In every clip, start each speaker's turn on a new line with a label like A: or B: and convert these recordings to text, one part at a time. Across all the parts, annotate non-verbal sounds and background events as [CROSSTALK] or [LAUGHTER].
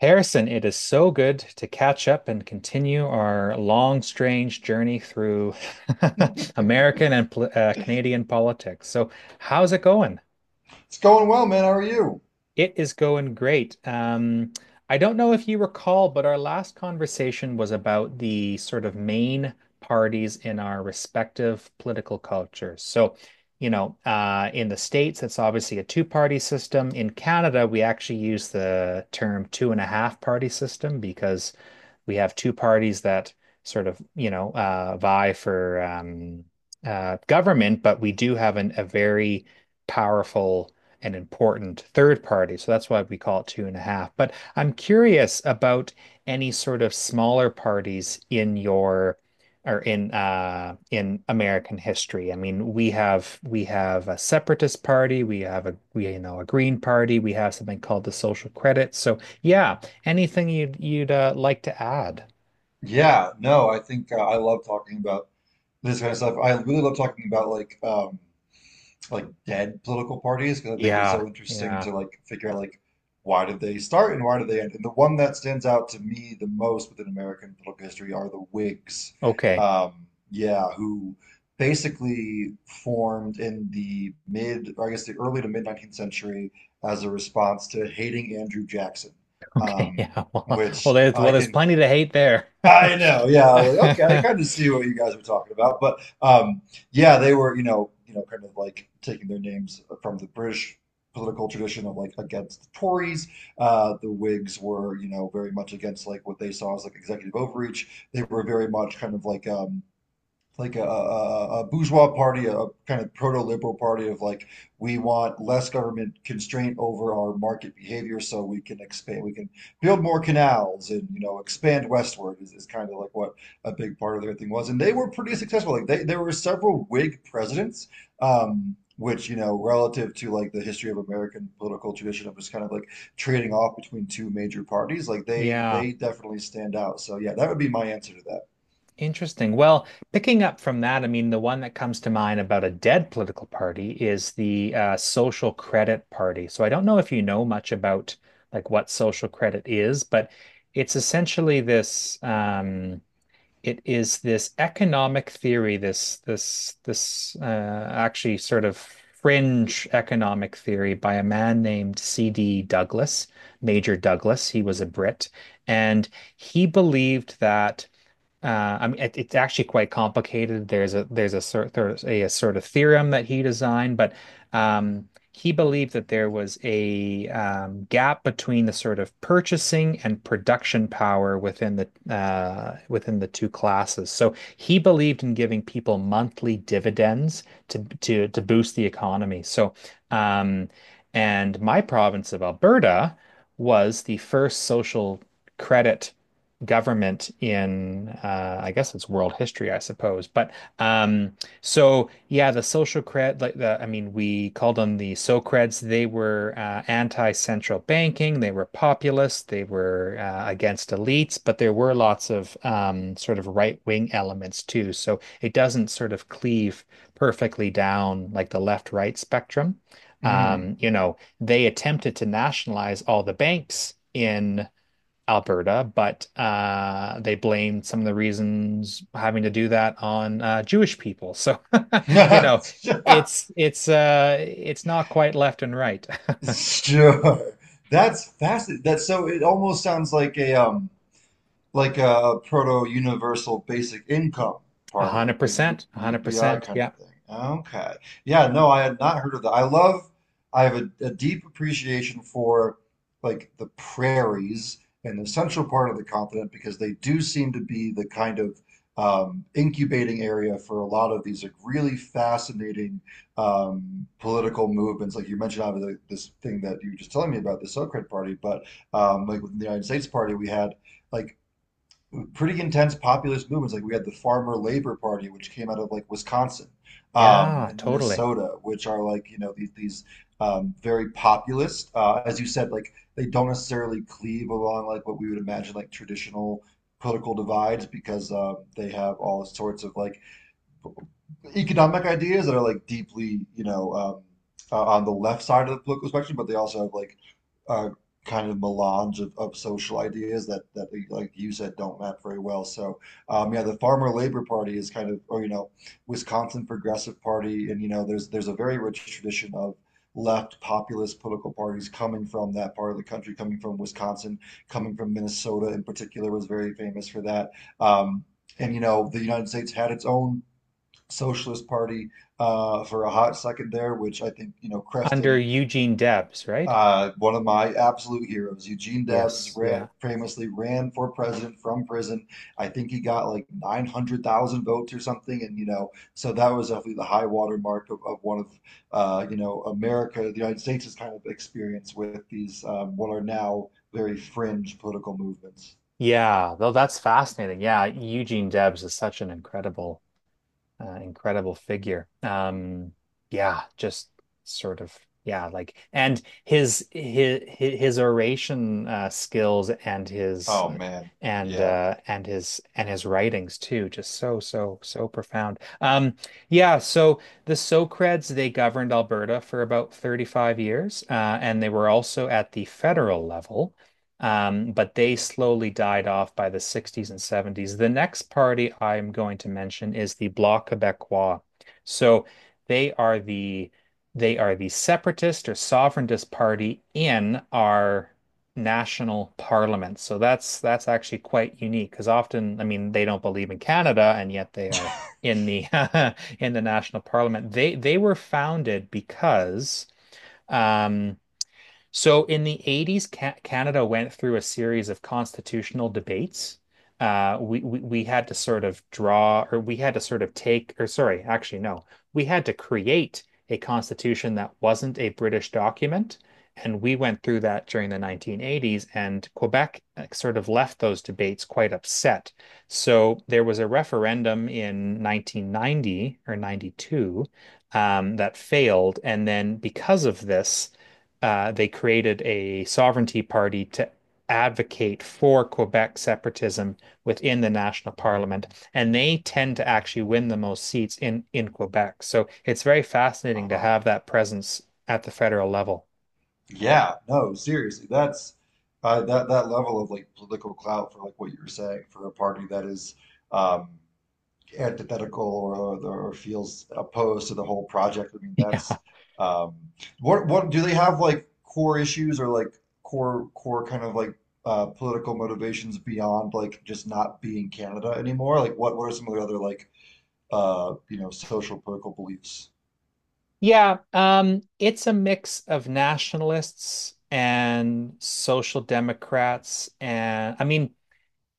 A: Harrison, it is so good to catch up and continue our long, strange journey through [LAUGHS] American and Canadian politics. So, how's it going?
B: It's going well, man. How are you?
A: It is going great. I don't know if you recall, but our last conversation was about the sort of main parties in our respective political cultures. So, you know, in the States, it's obviously a two-party system. In Canada, we actually use the term two and a half party system because we have two parties that sort of, you know, vie for government, but we do have a very powerful and important third party. So that's why we call it two and a half. But I'm curious about any sort of smaller parties in your or in American history. I mean, we have a separatist party, we have a we you know a Green Party, we have something called the Social Credit. So yeah, anything you'd like to add?
B: Yeah, no, I think I love talking about this kind of stuff. I really love talking about like dead political parties because I think it's
A: Yeah.
B: so interesting to
A: Yeah.
B: like figure out like why did they start and why did they end. And the one that stands out to me the most within American political history are the Whigs.
A: Okay. [LAUGHS]
B: Yeah, who basically formed in the mid, or I guess the early to mid 19th century as a response to hating Andrew Jackson.
A: Okay.
B: Um,
A: Yeah. Well, well,
B: which
A: there's
B: I
A: well, there's
B: can
A: plenty to hate there.
B: I know. Yeah. I was like, okay, I kind of
A: [LAUGHS]
B: see what you guys were talking about, but yeah, they were, kind of like taking their names from the British political tradition of like against the Tories. The Whigs were, you know, very much against like what they saw as like executive overreach. They were very much kind of like a bourgeois party, a kind of proto-liberal party of like we want less government constraint over our market behavior, so we can expand, we can build more canals and you know expand westward is kind of like what a big part of their thing was, and they were pretty successful. There were several Whig presidents, which you know relative to like the history of American political tradition of just kind of like trading off between two major parties, like they
A: Yeah.
B: they definitely stand out. So yeah, that would be my answer to that.
A: Interesting. Well, picking up from that, I mean, the one that comes to mind about a dead political party is the Social Credit Party. So I don't know if you know much about like what social credit is, but it's essentially this it is this economic theory, this actually sort of fringe economic theory by a man named C.D. Douglas, Major Douglas. He was a Brit, and he believed that I mean, it's actually quite complicated. There's a sort of theorem that he designed, but he believed that there was a gap between the sort of purchasing and production power within the two classes. So he believed in giving people monthly dividends to boost the economy. So, um, and my province of Alberta was the first social credit government in I guess it's world history, I suppose. But um, so yeah, the social cred, like the I mean, we called them the Socreds. They were anti-central banking. They were populist. They were against elites. But there were lots of sort of right-wing elements too. So it doesn't sort of cleave perfectly down like the left-right spectrum.
B: Mm.
A: You know, they attempted to nationalize all the banks in Alberta, but they blamed some of the reasons having to do that on Jewish people. So, [LAUGHS] you know,
B: [LAUGHS]
A: it's it's not quite left and right.
B: [LAUGHS] Sure. That's fascinating. That so it almost sounds like a proto universal basic income
A: [LAUGHS] A
B: party, like
A: hundred
B: a
A: percent, a hundred
B: UBI
A: percent.
B: kind of
A: Yeah,
B: thing. Okay. Yeah, no, I had not heard of that. I love, I have a deep appreciation for like the prairies and the central part of the continent because they do seem to be the kind of incubating area for a lot of these like really fascinating political movements. Like you mentioned, obviously, like, this thing that you were just telling me about, the Socrat Party, but like within the United States Party, we had like pretty intense populist movements. Like we had the Farmer Labor Party, which came out of like Wisconsin
A: yeah,
B: and
A: totally.
B: Minnesota, which are like you know these very populist. As you said, like they don't necessarily cleave along like what we would imagine like traditional political divides because they have all sorts of like economic ideas that are like deeply, on the left side of the political spectrum, but they also have like uh, kind of melange of social ideas that like you said don't map very well. So yeah, the Farmer Labor Party is kind of, or you know, Wisconsin Progressive Party, and you know, there's a very rich tradition of left populist political parties coming from that part of the country, coming from Wisconsin, coming from Minnesota in particular was very famous for that. Um, and you know, the United States had its own Socialist Party for a hot second there, which I think you know
A: Under
B: crested
A: Eugene Debs, right?
B: one of my absolute heroes.
A: Yes, yeah,
B: Famously ran for president from prison. I think he got like 900,000 votes or something, and you know, so that was definitely the high water mark of one of you know America, the United States' kind of experience with these what are now very fringe political movements.
A: yeah. Though that's fascinating. Yeah, Eugene Debs is such an incredible figure. Yeah, just sort of yeah, like and his oration skills
B: Oh man, yeah.
A: and his writings too, just so profound. Yeah, so the Socreds they governed Alberta for about 35 years, and they were also at the federal level. But they slowly died off by the 60s and 70s. The next party I'm going to mention is the Bloc Québécois. So they are the they are the separatist or sovereigntist party in our national parliament. So that's actually quite unique because often, I mean, they don't believe in Canada and yet they are in the [LAUGHS] in the national parliament. They were founded because um so in the 80s, Ca Canada went through a series of constitutional debates. We had to sort of draw, or we had to sort of take, or sorry, actually no, We had to create a constitution that wasn't a British document, and we went through that during the 1980s. And Quebec sort of left those debates quite upset. So there was a referendum in 1990 or 92 that failed, and then because of this they created a sovereignty party to advocate for Quebec separatism within the national parliament, and they tend to actually win the most seats in Quebec. So it's very fascinating to
B: Uh,
A: have that presence at the federal level. [LAUGHS]
B: Yeah, no, seriously, that's that that level of like political clout for like what you were saying for a party that is um, antithetical or feels opposed to the whole project. I mean,
A: Yeah.
B: that's um, what do they have like core issues or like core kind of like political motivations beyond like just not being Canada anymore? Like, what are some of their other like you know social political beliefs?
A: Yeah, it's a mix of nationalists and social democrats and I mean,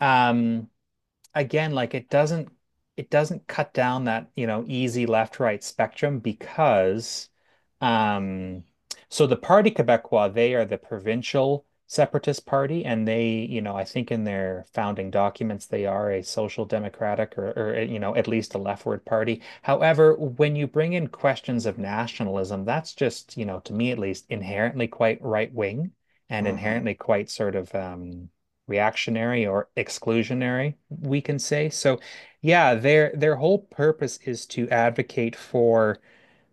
A: um, again, like it doesn't cut down that, you know, easy left right spectrum because um so the Parti Québécois, they are the provincial separatist party and they, you know, I think in their founding documents they are a social democratic or you know, at least a leftward party. However, when you bring in questions of nationalism, that's just, you know, to me at least inherently quite right wing and
B: Hmm.
A: inherently quite sort of reactionary or exclusionary, we can say. So, yeah, their whole purpose is to advocate for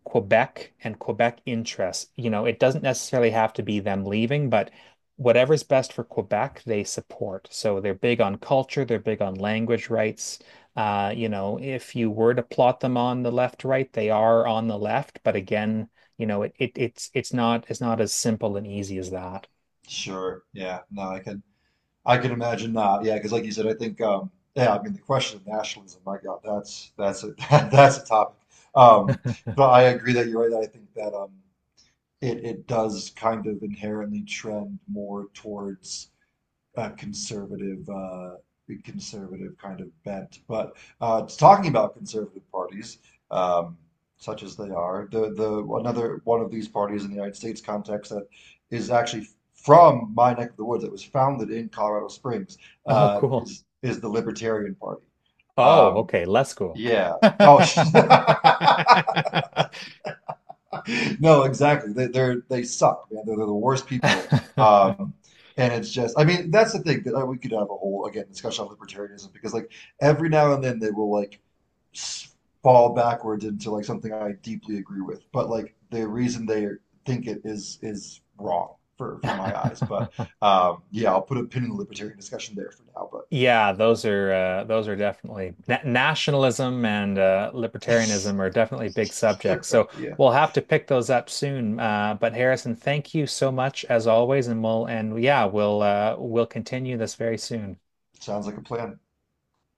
A: Quebec and Quebec interests. You know, it doesn't necessarily have to be them leaving, but whatever's best for Quebec, they support. So they're big on culture, they're big on language rights. You know, if you were to plot them on the left, right, they are on the left, but again, you know, it's not as simple and easy as that. [LAUGHS]
B: Sure. Yeah. No, I can. I can imagine not. Yeah, because like you said, I think yeah, I mean the question of nationalism, my God, that's a [LAUGHS] that's a topic. Um, but I agree that you're right. I think that it it does kind of inherently trend more towards a conservative conservative kind of bent. But talking about conservative parties, um, such as they are, the another one of these parties in the United States context that is actually from my neck of the woods that was founded in Colorado Springs
A: Oh,
B: uh,
A: cool.
B: is is the Libertarian Party.
A: Oh,
B: Um,
A: okay, less cool.
B: yeah.
A: [LAUGHS]
B: Oh. [LAUGHS] No, exactly. They suck, man. They're the worst people. Um, and it's just, I mean, that's the thing that we could have a whole again discussion on libertarianism because like every now and then they will like s- fall backwards into like something I deeply agree with, but like the reason they think it is wrong for my eyes. But yeah, I'll put a pin in the libertarian discussion there for now. But
A: Yeah, those are definitely na nationalism and
B: [LAUGHS]
A: libertarianism are definitely big subjects.
B: sure,
A: So
B: yeah,
A: we'll have to pick those up soon. But Harrison, thank you so much as always, and we'll and yeah, we'll continue this very soon.
B: sounds like a plan.